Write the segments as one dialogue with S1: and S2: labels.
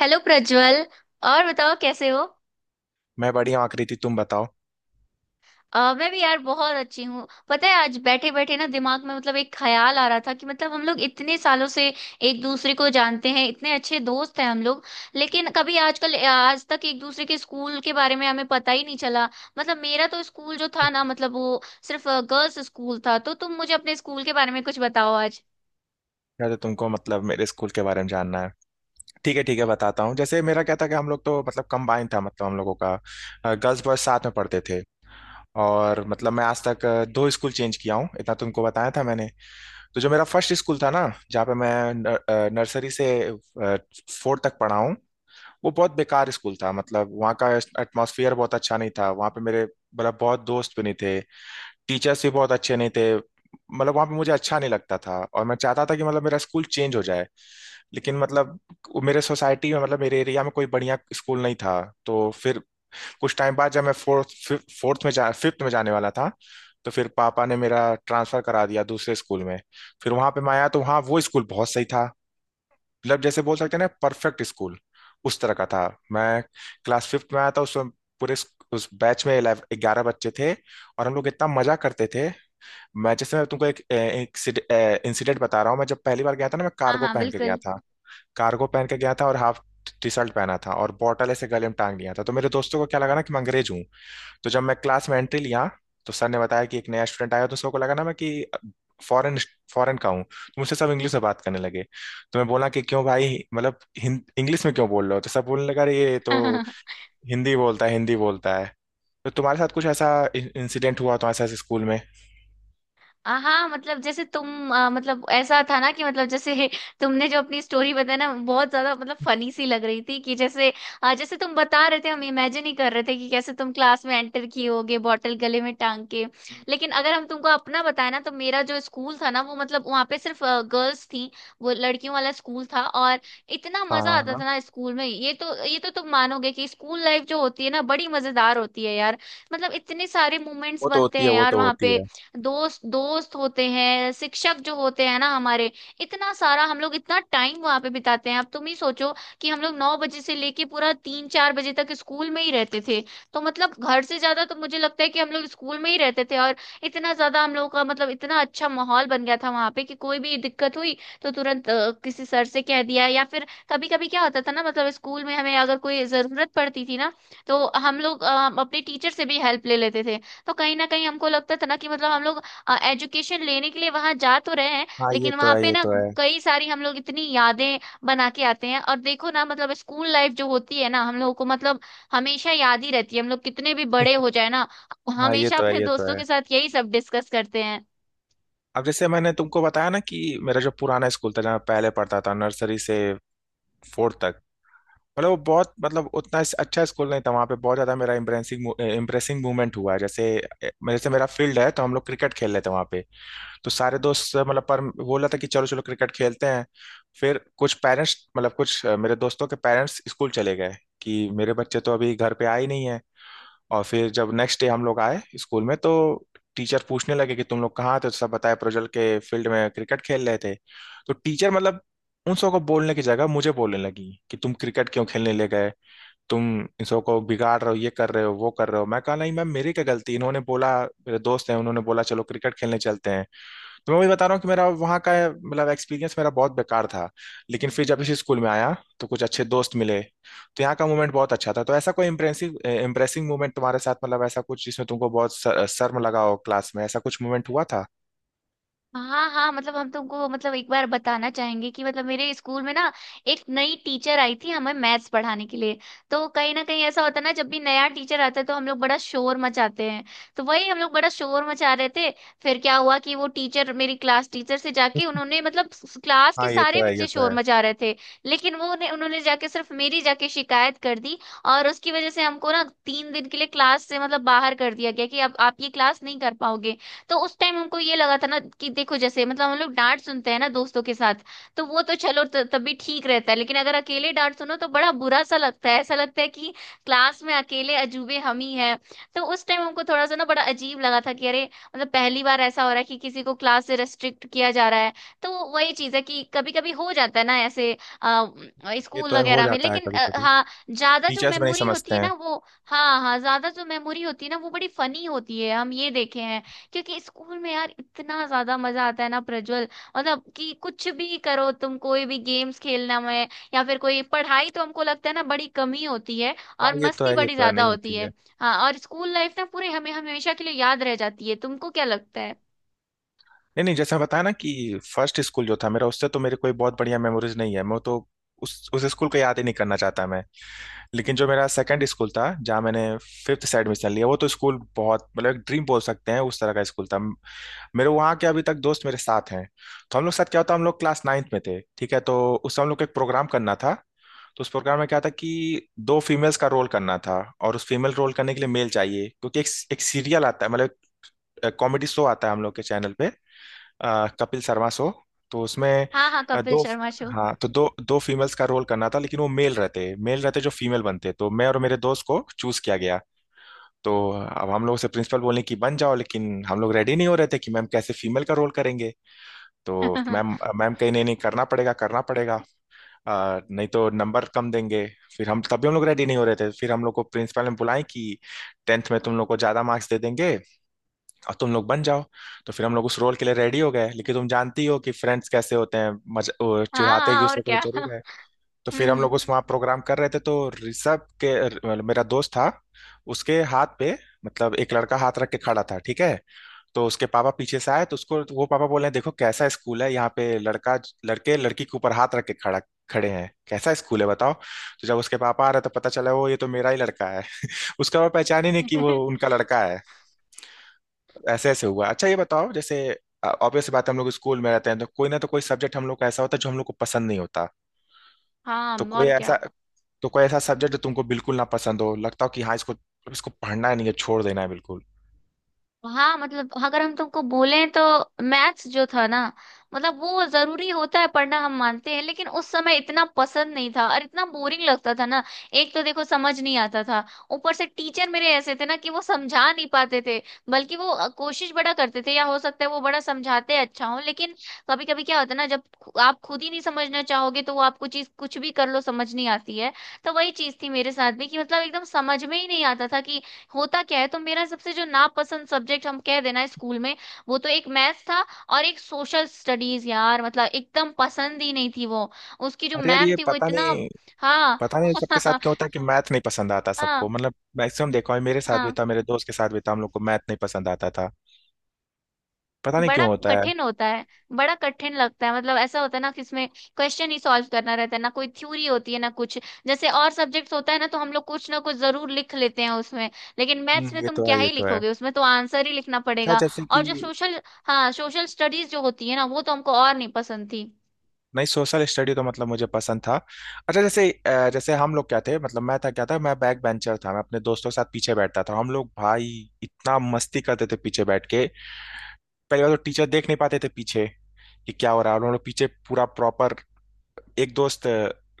S1: Hello Prajwal. और बताओ कैसे हो।
S2: मैं बढ़िया हूँ आकृति। तुम बताओ।
S1: मैं भी यार बहुत अच्छी हूँ। पता है आज बैठे बैठे ना दिमाग में मतलब एक ख्याल आ रहा था कि मतलब हम लोग इतने सालों से एक दूसरे को जानते हैं, इतने अच्छे दोस्त हैं हम लोग। लेकिन कभी आजकल आज तक एक दूसरे के स्कूल के बारे में हमें पता ही नहीं चला। मतलब मेरा तो स्कूल जो था ना, मतलब वो सिर्फ गर्ल्स स्कूल था। तो तुम मुझे अपने स्कूल के बारे में कुछ बताओ आज।
S2: या तो तुमको मतलब मेरे स्कूल के बारे में जानना है। ठीक है ठीक है, बताता हूँ। जैसे मेरा क्या था कि हम लोग तो मतलब कंबाइन था, मतलब हम लोगों का गर्ल्स बॉयज साथ में पढ़ते थे। और मतलब मैं आज तक दो स्कूल चेंज किया हूँ, इतना तुमको बताया था मैंने। तो जो मेरा फर्स्ट स्कूल था ना, जहाँ पे मैं नर्सरी से फोर्थ तक पढ़ा हूँ, वो बहुत बेकार स्कूल था। मतलब वहाँ का एटमॉस्फेयर बहुत अच्छा नहीं था। वहाँ पे मेरे मतलब बहुत दोस्त भी नहीं थे, टीचर्स भी बहुत अच्छे नहीं थे। मतलब वहां पे मुझे अच्छा नहीं लगता था और मैं चाहता था कि मतलब मेरा स्कूल चेंज हो जाए। लेकिन मतलब वो मेरे सोसाइटी में, मतलब मेरे एरिया में कोई बढ़िया स्कूल नहीं था। तो फिर कुछ टाइम बाद जब मैं फोर्थ फोर्थ में जा फिफ्थ में जाने वाला था, तो फिर पापा ने मेरा ट्रांसफर करा दिया दूसरे स्कूल में। फिर वहां पे मैं आया तो वहाँ वो स्कूल बहुत सही था, मतलब जैसे बोल सकते हैं ना परफेक्ट स्कूल उस तरह का था। मैं क्लास फिफ्थ में आया था उसमें। उस बैच में 11 बच्चे थे और हम लोग इतना मजा करते थे। मैनचेस्टर में तुमको एक इंसिडेंट बता रहा हूँ। मैं जब पहली बार गया था ना, मैं
S1: हाँ
S2: कार्गो
S1: हाँ,
S2: पहन के गया
S1: बिल्कुल।
S2: था। कार्गो पहन के गया था और हाफ टी शर्ट पहना था, और बॉटल ऐसे गले में टांग लिया था। तो मेरे दोस्तों को क्या लगा ना कि मैं अंग्रेज हूँ। तो जब मैं क्लास में एंट्री लिया तो सर ने बताया कि एक नया स्टूडेंट आया। तो सबको लगा ना मैं कि फॉरेन फॉरेन का हूँ। तो मुझसे सब इंग्लिश में बात करने लगे। तो मैं बोला कि क्यों भाई, मतलब इंग्लिश में क्यों बोल रहे हो। तो सब बोलने लगा अरे ये तो हिंदी बोलता है हिंदी बोलता है। तो तुम्हारे साथ कुछ ऐसा इंसिडेंट हुआ तो ऐसा स्कूल में?
S1: हाँ, मतलब जैसे तुम मतलब ऐसा था ना कि मतलब जैसे तुमने जो अपनी स्टोरी बताई ना बहुत ज्यादा मतलब फनी सी लग रही थी, कि जैसे जैसे तुम बता रहे थे हम इमेजिन ही कर रहे थे कि कैसे तुम क्लास में एंटर किए होगे बॉटल गले में टांग के। लेकिन अगर हम तुमको अपना बताए ना, तो मेरा जो स्कूल था ना वो मतलब वहाँ पे सिर्फ गर्ल्स थी। वो लड़कियों वाला स्कूल था। और इतना मजा आता
S2: हाँ
S1: था ना स्कूल में, ये तो तुम मानोगे कि स्कूल लाइफ जो होती है ना बड़ी मजेदार होती है यार। मतलब इतने सारे
S2: वो
S1: मोमेंट्स
S2: तो
S1: बनते
S2: होती है
S1: हैं
S2: वो
S1: यार
S2: तो
S1: वहाँ
S2: होती
S1: पे।
S2: है।
S1: दोस्त दोस्त होते हैं, शिक्षक जो होते हैं ना हमारे, इतना सारा हम लोग इतना टाइम वहां पे बिताते हैं। अब तुम ही सोचो कि हम लोग 9 बजे से लेके पूरा 3 4 बजे तक स्कूल में ही रहते थे। तो मतलब घर से ज्यादा तो मुझे लगता है कि हम लोग स्कूल में ही रहते थे। और इतना ज्यादा हम लोगों का मतलब इतना अच्छा माहौल बन गया था वहां पे कि कोई भी दिक्कत हुई तो तुरंत किसी सर से कह दिया, या फिर कभी कभी क्या होता था ना, मतलब स्कूल में हमें अगर कोई जरूरत पड़ती थी ना तो हम लोग अपने टीचर से भी हेल्प ले लेते थे। तो कहीं ना कहीं हमको लगता था ना कि मतलब हम लोग एजुकेशन लेने के लिए वहां जा तो रहे हैं,
S2: हाँ ये
S1: लेकिन
S2: तो
S1: वहां
S2: है
S1: पे
S2: ये
S1: ना
S2: तो है।
S1: कई सारी हम लोग इतनी यादें बना के आते हैं। और देखो ना, मतलब स्कूल लाइफ जो होती है ना हम लोगों को मतलब हमेशा याद ही रहती है। हम लोग कितने भी बड़े हो जाए ना,
S2: हाँ ये
S1: हमेशा
S2: तो है
S1: अपने
S2: ये तो
S1: दोस्तों
S2: है।
S1: के साथ यही सब डिस्कस करते हैं।
S2: अब जैसे मैंने तुमको बताया ना कि मेरा जो पुराना स्कूल था, जहाँ मैं पहले पढ़ता था, नर्सरी से फोर्थ तक। मतलब वो बहुत मतलब उतना अच्छा स्कूल नहीं था। वहाँ पे बहुत ज़्यादा मेरा इम्प्रेसिंग इम्प्रेसिंग मूवमेंट हुआ है। जैसे जैसे मेरा फील्ड है तो हम लोग क्रिकेट खेल लेते हैं वहाँ पे। तो सारे दोस्त मतलब पर बोला था कि चलो चलो क्रिकेट खेलते हैं। फिर कुछ पेरेंट्स, मतलब कुछ मेरे दोस्तों के पेरेंट्स स्कूल चले गए कि मेरे बच्चे तो अभी घर पे आए ही नहीं है। और फिर जब नेक्स्ट डे हम लोग आए स्कूल में, तो टीचर पूछने लगे कि तुम लोग कहाँ थे, तो सब बताए प्रज्वल के फील्ड में क्रिकेट खेल रहे थे। तो टीचर मतलब उन सबको बोलने की जगह मुझे बोलने लगी कि तुम क्रिकेट क्यों खेलने ले गए, तुम इन सबको बिगाड़ रहे हो, ये कर रहे हो वो कर रहे हो। मैं कहा नहीं मैम, मेरी क्या गलती, इन्होंने बोला मेरे दोस्त हैं, उन्होंने बोला चलो क्रिकेट खेलने चलते हैं। तो मैं वही बता रहा हूँ कि मेरा वहाँ का मतलब एक्सपीरियंस मेरा बहुत बेकार था। लेकिन फिर जब इसी स्कूल में आया तो कुछ अच्छे दोस्त मिले, तो यहाँ का मोमेंट बहुत अच्छा था। तो ऐसा कोई इम्प्रेसिव इम्प्रेसिंग मोमेंट तुम्हारे साथ, मतलब ऐसा कुछ जिसमें तुमको बहुत शर्म लगा हो क्लास में, ऐसा कुछ मोमेंट हुआ था?
S1: हाँ हाँ, मतलब हम तुमको मतलब एक बार बताना चाहेंगे कि मतलब मेरे स्कूल में ना एक नई टीचर आई थी हमें मैथ्स पढ़ाने के लिए। तो कहीं ना कहीं ऐसा होता है ना, जब भी नया टीचर आता है तो हम लोग बड़ा शोर मचाते हैं। तो वही हम लोग बड़ा शोर मचा रहे थे। फिर क्या हुआ कि वो टीचर मेरी क्लास टीचर से जाके उन्होंने मतलब क्लास के
S2: हाँ ये
S1: सारे
S2: तो है ये
S1: बच्चे
S2: तो
S1: शोर
S2: है
S1: मचा रहे थे, लेकिन वो उन्होंने जाके सिर्फ मेरी जाके शिकायत कर दी। और उसकी वजह से हमको ना 3 दिन के लिए क्लास से मतलब बाहर कर दिया गया कि अब आप ये क्लास नहीं कर पाओगे। तो उस टाइम हमको ये लगा था ना कि देखो, जैसे मतलब हम लोग डांट सुनते हैं ना दोस्तों के साथ, तो वो तो चलो तब भी ठीक रहता है, लेकिन अगर अकेले डांट सुनो तो बड़ा बुरा सा लगता है। ऐसा लगता है कि क्लास में अकेले अजूबे हम ही हैं। तो उस टाइम हमको थोड़ा सा ना बड़ा अजीब लगा था कि अरे, मतलब पहली बार ऐसा हो रहा है कि किसी को क्लास से रेस्ट्रिक्ट किया जा रहा है। तो वही चीज है कि कभी कभी हो जाता है ना ऐसे अ,
S2: ये तो
S1: स्कूल
S2: है। हो
S1: वगैरह में।
S2: जाता है
S1: लेकिन
S2: कभी कभी,
S1: हाँ, ज्यादा जो
S2: टीचर्स भी नहीं
S1: मेमोरी होती
S2: समझते
S1: है
S2: हैं।
S1: ना वो हाँ हाँ, ज्यादा जो मेमोरी होती है ना वो बड़ी फनी होती है, हम ये देखे हैं। क्योंकि स्कूल में यार इतना ज्यादा मजा आता है ना प्रज्वल। मतलब कि कुछ भी करो तुम, कोई भी गेम्स खेलना में या फिर कोई पढ़ाई, तो हमको लगता है ना बड़ी कमी होती है
S2: हाँ
S1: और मस्ती
S2: ये
S1: बड़ी
S2: तो है
S1: ज्यादा
S2: नहीं
S1: होती
S2: होती है।
S1: है। हाँ, और स्कूल लाइफ ना पूरे हमें हमेशा के लिए याद रह जाती है। तुमको क्या लगता है?
S2: नहीं नहीं, जैसा बताया ना कि फर्स्ट स्कूल जो था मेरा, उससे तो मेरे कोई बहुत बढ़िया मेमोरीज नहीं है। मैं तो उस स्कूल को याद ही नहीं करना चाहता मैं। लेकिन जो मेरा सेकंड स्कूल था, जहाँ मैंने फिफ्थ से एडमिशन लिया, वो तो स्कूल बहुत मतलब एक ड्रीम बोल सकते हैं उस तरह का स्कूल था। मेरे वहाँ के अभी तक दोस्त मेरे साथ हैं। तो हम लोग के साथ क्या होता, हम लोग क्लास नाइन्थ में थे, ठीक है, तो उस समय हम लोग को एक प्रोग्राम करना था। तो उस प्रोग्राम में क्या था कि दो फीमेल्स का रोल करना था। और उस फीमेल रोल करने के लिए मेल चाहिए, क्योंकि एक एक सीरियल आता है, मतलब कॉमेडी शो आता है हम लोग के चैनल पे, कपिल शर्मा शो। तो उसमें
S1: हाँ हाँ,
S2: अ,
S1: कपिल
S2: दो
S1: शर्मा शो।
S2: हाँ तो दो दो फीमेल्स का रोल करना था, लेकिन वो मेल रहते जो फीमेल बनते, तो मैं और मेरे दोस्त को चूज किया गया। तो अब हम लोग से प्रिंसिपल बोले कि बन जाओ, लेकिन हम लोग रेडी नहीं हो रहे थे कि मैम कैसे फीमेल का रोल करेंगे। तो
S1: हाँ,
S2: मैम मैम कहीं नहीं नहीं करना पड़ेगा करना पड़ेगा। नहीं तो नंबर कम देंगे। फिर हम लोग रेडी नहीं हो रहे थे, फिर हम लोग को प्रिंसिपल ने बुलाए कि 10वीं में तुम लोग को ज्यादा मार्क्स दे देंगे और तुम लोग बन जाओ। तो फिर हम लोग उस रोल के लिए रेडी हो गए। लेकिन तुम जानती हो कि फ्रेंड्स कैसे होते हैं, मज वो चिढ़ाते एक
S1: हाँ और
S2: दूसरे को तो
S1: क्या।
S2: जरूर है। तो फिर हम लोग
S1: हम्म।
S2: उस वहाँ प्रोग्राम कर रहे थे। तो ऋषभ के मतलब मेरा दोस्त था, उसके हाथ पे, मतलब एक लड़का हाथ रख के खड़ा था, ठीक है। तो उसके पापा पीछे से आए तो उसको वो पापा बोले हैं देखो कैसा स्कूल है यहाँ पे, लड़का लड़के लड़की के ऊपर हाथ रख के खड़ा खड़े हैं, कैसा स्कूल है बताओ। तो जब उसके पापा आ रहे तो पता चला वो, ये तो मेरा ही लड़का है। उसका वो पहचान ही नहीं कि वो उनका लड़का। ऐसे ऐसे हुआ। अच्छा ये बताओ, जैसे ऑब्वियस बात है हम लोग स्कूल में रहते हैं, तो कोई ना तो कोई सब्जेक्ट हम लोग का ऐसा होता है जो हम लोग को पसंद नहीं होता।
S1: हाँ,
S2: तो कोई
S1: और
S2: ऐसा
S1: क्या।
S2: तो कोई ऐसा सब्जेक्ट जो तुमको बिल्कुल ना पसंद हो, लगता हो कि हाँ इसको इसको पढ़ना नहीं है छोड़ देना है बिल्कुल।
S1: हाँ, मतलब अगर हम तुमको बोलें तो मैथ्स जो था ना, मतलब वो जरूरी होता है पढ़ना हम मानते हैं, लेकिन उस समय इतना पसंद नहीं था और इतना बोरिंग लगता था ना। एक तो देखो समझ नहीं आता था, ऊपर से टीचर मेरे ऐसे थे ना कि वो समझा नहीं पाते थे। बल्कि वो कोशिश बड़ा करते थे, या हो सकता है वो बड़ा समझाते अच्छा हो, लेकिन कभी कभी क्या होता है ना, जब आप खुद ही नहीं समझना चाहोगे तो वो आपको चीज कुछ भी कर लो समझ नहीं आती है। तो वही चीज थी मेरे साथ भी कि मतलब एकदम समझ में ही नहीं आता था कि होता क्या है। तो मेरा सबसे जो नापसंद सब्जेक्ट हम कह देना है स्कूल में वो तो एक मैथ्स था, और एक सोशल स्टडीज यार, मतलब एकदम पसंद ही नहीं थी वो। उसकी जो
S2: अरे यार
S1: मैम
S2: ये
S1: थी वो
S2: पता
S1: इतना।
S2: नहीं,
S1: हाँ।
S2: पता नहीं सबके साथ
S1: हाँ
S2: क्यों होता है कि मैथ नहीं पसंद आता सबको।
S1: हाँ,
S2: मतलब मैक्सिमम देखा है, मेरे साथ भी
S1: हाँ,
S2: था मेरे दोस्त के साथ भी था, हम लोग को मैथ नहीं पसंद आता था। पता नहीं क्यों
S1: बड़ा
S2: होता है।
S1: कठिन होता है। बड़ा कठिन लगता है, मतलब ऐसा होता है ना कि इसमें क्वेश्चन ही सॉल्व करना रहता है ना, कोई थ्योरी होती है ना कुछ। जैसे और सब्जेक्ट्स होता है ना तो हम लोग कुछ ना कुछ जरूर लिख लेते हैं उसमें, लेकिन मैथ्स में
S2: ये
S1: तुम
S2: तो
S1: क्या
S2: है ये
S1: ही
S2: तो है।
S1: लिखोगे, उसमें तो आंसर ही लिखना
S2: अच्छा
S1: पड़ेगा।
S2: जैसे
S1: और
S2: कि
S1: जो सोशल हाँ, सोशल स्टडीज जो होती है ना वो तो हमको और नहीं पसंद थी।
S2: नहीं सोशल स्टडी तो मतलब मुझे पसंद था। अच्छा जैसे जैसे हम लोग क्या थे, मतलब मैं था क्या था, मैं बैक बेंचर था, मैं अपने दोस्तों के साथ पीछे बैठता था। हम लोग भाई इतना मस्ती करते थे पीछे बैठ के। पहली बार तो टीचर देख नहीं पाते थे पीछे कि क्या हो रहा है। और हम लोग पीछे पूरा प्रॉपर, एक दोस्त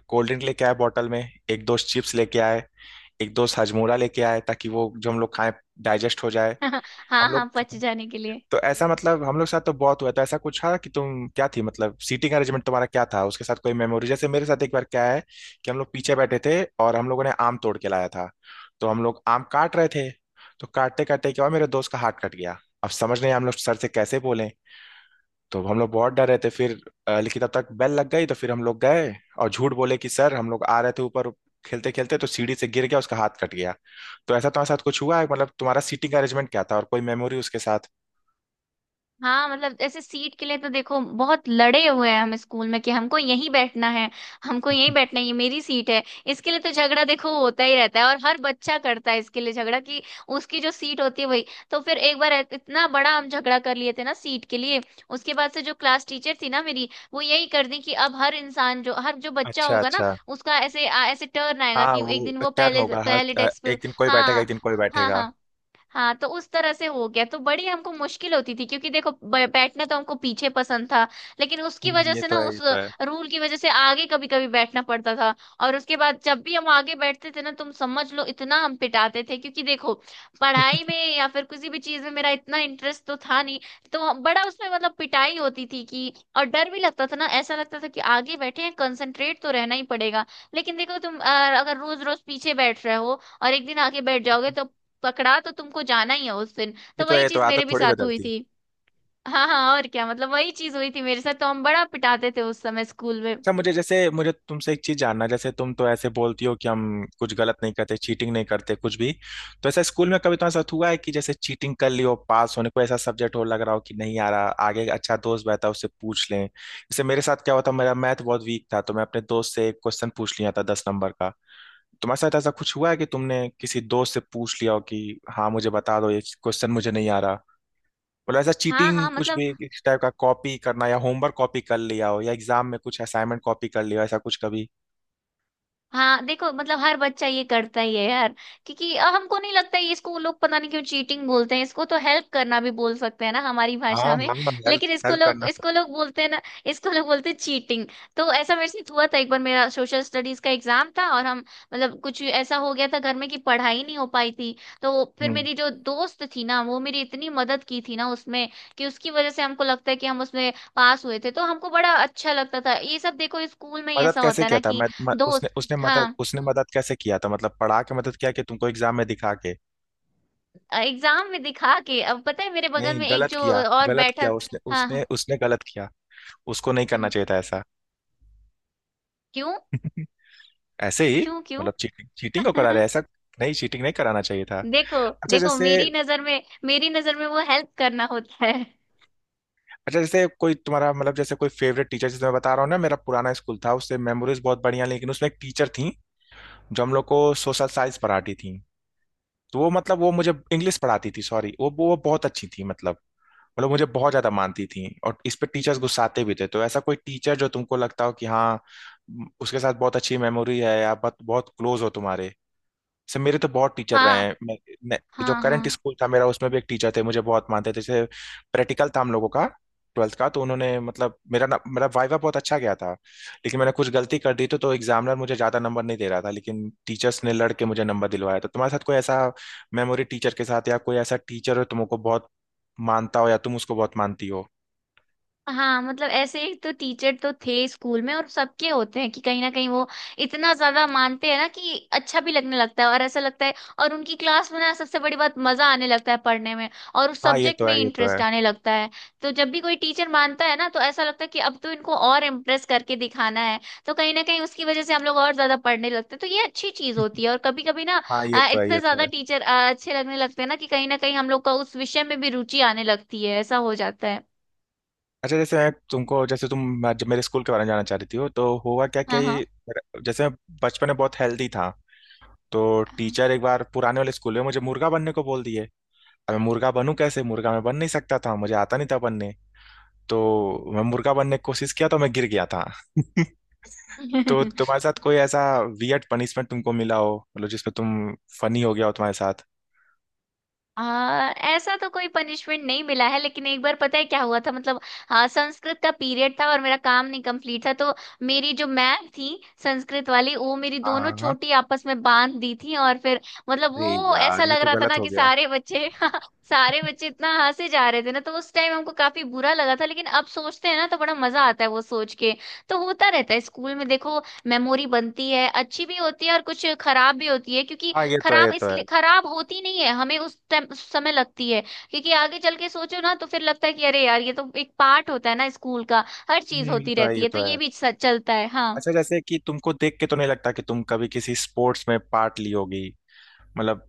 S2: कोल्ड ड्रिंक लेके आए बॉटल में, एक दोस्त चिप्स लेके आए, एक दोस्त हजमोला लेके आए ताकि वो जो हम लोग खाएं डाइजेस्ट हो जाए
S1: हाँ
S2: हम लोग।
S1: हाँ, पच जाने के लिए।
S2: तो ऐसा मतलब हम लोग के साथ तो बहुत हुआ था। ऐसा कुछ था कि तुम क्या थी, मतलब सीटिंग अरेंजमेंट तुम्हारा क्या था, उसके साथ कोई मेमोरी? जैसे मेरे साथ एक बार क्या है कि हम लोग पीछे बैठे थे और हम लोगों ने आम तोड़ के लाया था, तो हम लोग आम काट रहे थे। तो काटते काटते क्या हुआ, मेरे दोस्त का हाथ कट गया। अब समझ नहीं हम लोग सर से कैसे बोले, तो हम लोग बहुत डर रहे थे। फिर लेकिन तब तक बेल लग गई, तो फिर हम लोग गए और झूठ बोले कि सर हम लोग आ रहे थे ऊपर, खेलते खेलते तो सीढ़ी से गिर गया, उसका हाथ कट गया। तो ऐसा तुम्हारे साथ कुछ हुआ है, मतलब तुम्हारा सीटिंग अरेंजमेंट क्या था और कोई मेमोरी उसके साथ?
S1: हाँ, मतलब ऐसे सीट के लिए तो देखो बहुत लड़े हुए हैं हम स्कूल में कि हमको यहीं बैठना है, हमको यहीं बैठना है, ये मेरी सीट है। इसके लिए तो झगड़ा देखो होता ही रहता है, और हर बच्चा करता है इसके लिए झगड़ा कि उसकी जो सीट होती है वही। तो फिर एक बार इतना बड़ा हम झगड़ा कर लिए थे ना सीट के लिए। उसके बाद से जो क्लास टीचर थी ना मेरी, वो यही कर दी कि अब हर इंसान जो हर जो बच्चा
S2: अच्छा
S1: होगा ना
S2: अच्छा।
S1: उसका ऐसे ऐसे टर्न आएगा
S2: हाँ
S1: कि एक
S2: वो
S1: दिन वो
S2: टर्न
S1: पहले
S2: होगा, हाँ
S1: पहले डेस्क पे।
S2: एक दिन कोई बैठेगा
S1: हाँ।
S2: एक दिन कोई
S1: हाँ
S2: बैठेगा।
S1: हाँ। हाँ, तो उस तरह से हो गया तो बड़ी हमको मुश्किल होती थी, क्योंकि देखो बैठना तो हमको पीछे पसंद था, लेकिन उसकी वजह
S2: ये
S1: से
S2: तो
S1: ना,
S2: है ये
S1: उस
S2: तो है
S1: रूल की वजह से आगे कभी कभी बैठना पड़ता था। और उसके बाद जब भी हम आगे बैठते थे ना, तुम समझ लो इतना हम पिटाते थे, क्योंकि देखो पढ़ाई में या फिर किसी भी चीज में मेरा इतना इंटरेस्ट तो था नहीं। तो बड़ा उसमें मतलब पिटाई होती थी कि, और डर भी लगता था ना, ऐसा लगता था कि आगे बैठे हैं कंसंट्रेट तो रहना ही पड़ेगा। लेकिन देखो तुम अगर रोज रोज पीछे बैठ रहे हो और एक दिन आगे बैठ जाओगे तो पकड़ा तो तुमको जाना ही है उस दिन।
S2: ये
S1: तो
S2: तो है,
S1: वही
S2: ये तो
S1: चीज
S2: आदत
S1: मेरे भी
S2: थोड़ी
S1: साथ हुई
S2: बदलती।
S1: थी। हाँ हाँ, और क्या, मतलब वही चीज हुई थी मेरे साथ, तो हम बड़ा पिटाते थे उस समय स्कूल में।
S2: अच्छा मुझे, जैसे मुझे तुमसे एक चीज जानना है, जैसे तुम तो ऐसे बोलती हो कि हम कुछ गलत नहीं करते चीटिंग नहीं करते कुछ भी। तो ऐसा स्कूल में कभी तुम्हारे साथ हुआ है कि जैसे चीटिंग कर लियो पास होने को, ऐसा सब्जेक्ट हो लग रहा हो कि नहीं आ रहा, आगे एक अच्छा दोस्त बैठा उससे पूछ लें? जैसे मेरे साथ क्या हुआ था, मेरा मैथ बहुत वीक था, तो मैं अपने दोस्त से एक क्वेश्चन पूछ लिया था 10 नंबर का। तुम्हारे साथ ऐसा कुछ हुआ है कि तुमने किसी दोस्त से पूछ लिया हो कि हाँ मुझे बता दो ये क्वेश्चन मुझे नहीं आ रहा? मतलब ऐसा
S1: हाँ
S2: चीटिंग
S1: हाँ,
S2: कुछ
S1: मतलब
S2: भी इस टाइप का, कॉपी करना या होमवर्क कॉपी कर लिया हो, या एग्जाम में कुछ असाइनमेंट कॉपी कर लिया हो, ऐसा कुछ कभी?
S1: हाँ, देखो मतलब हर बच्चा ये करता ही है यार, क्योंकि हमको नहीं लगता है, इसको लोग पता नहीं क्यों चीटिंग बोलते हैं। इसको तो हेल्प करना भी बोल सकते हैं ना हमारी
S2: हाँ
S1: भाषा में,
S2: हाँ। हेल्प
S1: लेकिन इसको
S2: हेल्प
S1: लोग
S2: करना।
S1: इसको लोग बोलते हैं ना, इसको लोग बोलते हैं चीटिंग। तो ऐसा मेरे साथ हुआ था, एक बार मेरा सोशल स्टडीज का एग्जाम था और हम मतलब कुछ ऐसा हो गया था घर में कि पढ़ाई नहीं हो पाई थी। तो फिर
S2: हम्म।
S1: मेरी जो दोस्त थी ना वो मेरी इतनी मदद की थी ना उसमें, कि उसकी वजह से हमको लगता है कि हम उसमें पास हुए थे। तो हमको बड़ा अच्छा लगता था ये सब। देखो स्कूल में ही
S2: मदद
S1: ऐसा
S2: कैसे
S1: होता है
S2: किया
S1: ना
S2: था?
S1: कि
S2: मैं उसने
S1: दोस्त। हाँ,
S2: उसने मदद कैसे किया था, मतलब पढ़ा के मदद किया कि तुमको एग्जाम में दिखा के?
S1: एग्जाम में दिखा के अब पता है मेरे बगल
S2: नहीं
S1: में एक
S2: गलत
S1: जो
S2: किया।
S1: और
S2: गलत
S1: बैठा।
S2: किया उसने,
S1: हाँ।
S2: उसने
S1: हाँ।
S2: उसने गलत किया। उसको नहीं करना
S1: हम्म,
S2: चाहिए था ऐसा।
S1: क्यों?
S2: ऐसे ही।
S1: क्यों? क्यों?
S2: मतलब चीटिंग चीटिंग को करा रहे ऐसा। नहीं चीटिंग नहीं कराना चाहिए था।
S1: देखो।
S2: अच्छा
S1: देखो,
S2: जैसे।
S1: मेरी नजर में वो हेल्प करना होता है।
S2: अच्छा जैसे कोई तुम्हारा, मतलब जैसे कोई फेवरेट टीचर, जैसे मैं बता रहा हूँ ना मेरा पुराना स्कूल था उससे मेमोरीज बहुत बढ़िया, लेकिन उसमें एक टीचर थी जो हम लोग को सोशल साइंस पढ़ाती थी। तो वो मतलब वो मुझे इंग्लिश पढ़ाती थी, सॉरी, वो बहुत अच्छी थी, मतलब मतलब मुझे बहुत ज्यादा मानती थी, और इस पे टीचर्स गुस्साते भी थे। तो ऐसा कोई टीचर जो तुमको लगता हो कि हाँ उसके साथ बहुत अच्छी मेमोरी है, या बहुत बहुत क्लोज हो तुम्हारे से? मेरे तो बहुत टीचर रहे
S1: हाँ।
S2: हैं। मैं, जो
S1: हाँ
S2: करंट
S1: हाँ।
S2: स्कूल था मेरा उसमें भी एक टीचर थे, मुझे बहुत मानते थे। जैसे प्रैक्टिकल था हम लोगों का 12वीं का, तो उन्होंने मतलब मेरा ना मेरा वाइवा बहुत अच्छा गया था, लेकिन मैंने कुछ गलती कर दी तो एग्जामिनर मुझे ज्यादा नंबर नहीं दे रहा था, लेकिन टीचर्स ने लड़ के मुझे नंबर दिलवाया। तो तुम्हारे साथ कोई ऐसा मेमोरी टीचर के साथ, या कोई ऐसा टीचर हो तुमको बहुत मानता हो या तुम उसको बहुत मानती हो?
S1: हाँ, मतलब ऐसे ही तो टीचर तो थे स्कूल में, और सबके होते हैं कि कहीं ना कहीं वो इतना ज्यादा मानते हैं ना कि अच्छा भी लगने लगता है, और ऐसा लगता है और उनकी क्लास में ना सबसे बड़ी बात मजा आने लगता है पढ़ने में, और उस
S2: हाँ ये
S1: सब्जेक्ट
S2: तो
S1: में
S2: है ये तो
S1: इंटरेस्ट
S2: है।
S1: आने लगता है। तो जब भी कोई टीचर मानता है ना तो ऐसा लगता है कि अब तो इनको और इम्प्रेस करके दिखाना है। तो कहीं ना कहीं उसकी वजह से हम लोग और ज्यादा पढ़ने लगते हैं, तो ये अच्छी चीज होती है, और कभी कभी ना
S2: हाँ ये तो है ये
S1: इतने
S2: तो
S1: ज्यादा
S2: है।
S1: टीचर अच्छे लगने लगते हैं ना कि कहीं ना कहीं हम लोग का उस विषय में भी रुचि आने लगती है, ऐसा हो जाता है।
S2: अच्छा जैसे मैं तुमको, जैसे तुम जब मेरे स्कूल के बारे में जानना चाह रही थी हो, तो हुआ क्या क्या ये
S1: हाँ।
S2: जैसे मैं बचपन में बहुत हेल्दी था, तो
S1: हाँ।
S2: टीचर एक बार पुराने वाले स्कूल में मुझे मुर्गा बनने को बोल दिए। अब मैं मुर्गा बनूं कैसे, मुर्गा मैं बन नहीं सकता था, मुझे आता नहीं था बनने। तो मैं मुर्गा बनने की कोशिश किया तो मैं गिर गया था। तो तुम्हारे साथ कोई ऐसा वियर्ड पनिशमेंट तुमको मिला हो, मतलब जिसमें तुम फनी हो गया हो तुम्हारे साथ?
S1: ऐसा तो कोई पनिशमेंट नहीं मिला है, लेकिन एक बार पता है क्या हुआ था, मतलब हाँ, संस्कृत का पीरियड था और मेरा काम नहीं कंप्लीट था, तो मेरी जो मैम थी संस्कृत वाली, वो मेरी दोनों
S2: हाँ हाँ।
S1: चोटी आपस में बांध दी थी। और फिर मतलब
S2: अरे
S1: वो ऐसा
S2: यार ये
S1: लग
S2: तो
S1: रहा था
S2: गलत
S1: ना
S2: हो
S1: कि
S2: गया।
S1: सारे बच्चे सारे बच्चे इतना हंसे जा रहे थे ना, तो उस टाइम हमको काफी बुरा लगा था, लेकिन अब सोचते हैं ना तो बड़ा मजा आता है वो सोच के। तो होता रहता है स्कूल में, देखो मेमोरी बनती है, अच्छी भी होती है और कुछ खराब भी होती है, क्योंकि
S2: हाँ ये तो है ये
S1: खराब
S2: तो है।
S1: इसलिए खराब होती नहीं है, हमें उस टाइम उस समय लगती है, क्योंकि आगे चल के सोचो ना तो फिर लगता है कि अरे यार, ये तो एक पार्ट होता है ना स्कूल का, हर चीज
S2: ये
S1: होती
S2: तो है
S1: रहती
S2: ये
S1: है तो
S2: तो है।
S1: ये भी सच चलता है। हाँ।
S2: अच्छा जैसे कि तुमको देख के तो नहीं लगता कि तुम कभी किसी स्पोर्ट्स में पार्ट ली होगी मतलब।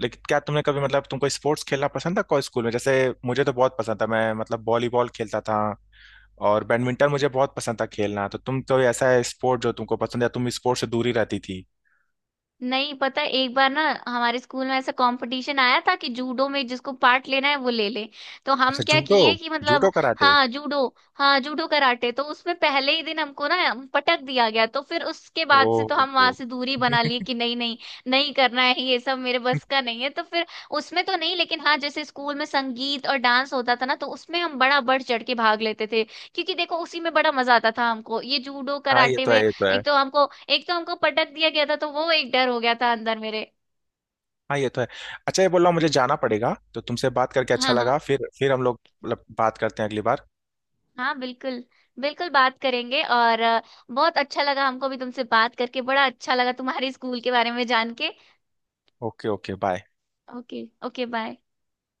S2: लेकिन क्या तुमने कभी, मतलब तुमको स्पोर्ट्स खेलना पसंद था को स्कूल में? जैसे मुझे तो बहुत पसंद था, मैं मतलब वॉलीबॉल खेलता था और बैडमिंटन मुझे बहुत पसंद था खेलना। तो तुम कोई ऐसा है स्पोर्ट जो तुमको पसंद है, तुम स्पोर्ट्स से दूरी रहती थी?
S1: नहीं, पता है एक बार ना हमारे स्कूल में ऐसा कंपटीशन आया था कि जूडो में जिसको पार्ट लेना है वो ले ले। तो हम
S2: अच्छा
S1: क्या
S2: जूडो,
S1: किए कि मतलब।
S2: Judo karate.
S1: हाँ, जूडो। हाँ, जूडो कराटे, तो उसमें पहले ही दिन हमको ना पटक दिया गया, तो फिर उसके बाद से
S2: ओ,
S1: तो हम वहां
S2: ओ।
S1: से दूरी बना लिए कि नहीं नहीं, नहीं करना है ये सब मेरे बस का नहीं है। तो फिर उसमें तो नहीं, लेकिन हाँ, जैसे स्कूल में संगीत और डांस होता था ना, तो उसमें हम बड़ा बढ़ चढ़ के भाग लेते थे, क्योंकि देखो उसी में बड़ा मजा आता था हमको। ये जूडो
S2: हाँ ये
S1: कराटे
S2: तो है
S1: में
S2: ये तो है।
S1: एक तो हमको एक तो हमको पटक दिया गया था, तो वो एक डर हो गया था अंदर मेरे।
S2: हाँ ये तो है। अच्छा ये बोल रहा हूँ मुझे जाना पड़ेगा, तो तुमसे बात करके अच्छा
S1: हाँ
S2: लगा,
S1: हाँ।
S2: फिर हम लोग मतलब बात करते हैं अगली बार।
S1: हाँ, बिल्कुल। बिल्कुल बात करेंगे, और बहुत अच्छा लगा हमको भी तुमसे बात करके, बड़ा अच्छा लगा तुम्हारे स्कूल के बारे में जान के।
S2: Okay okay bye.
S1: Okay okay, bye.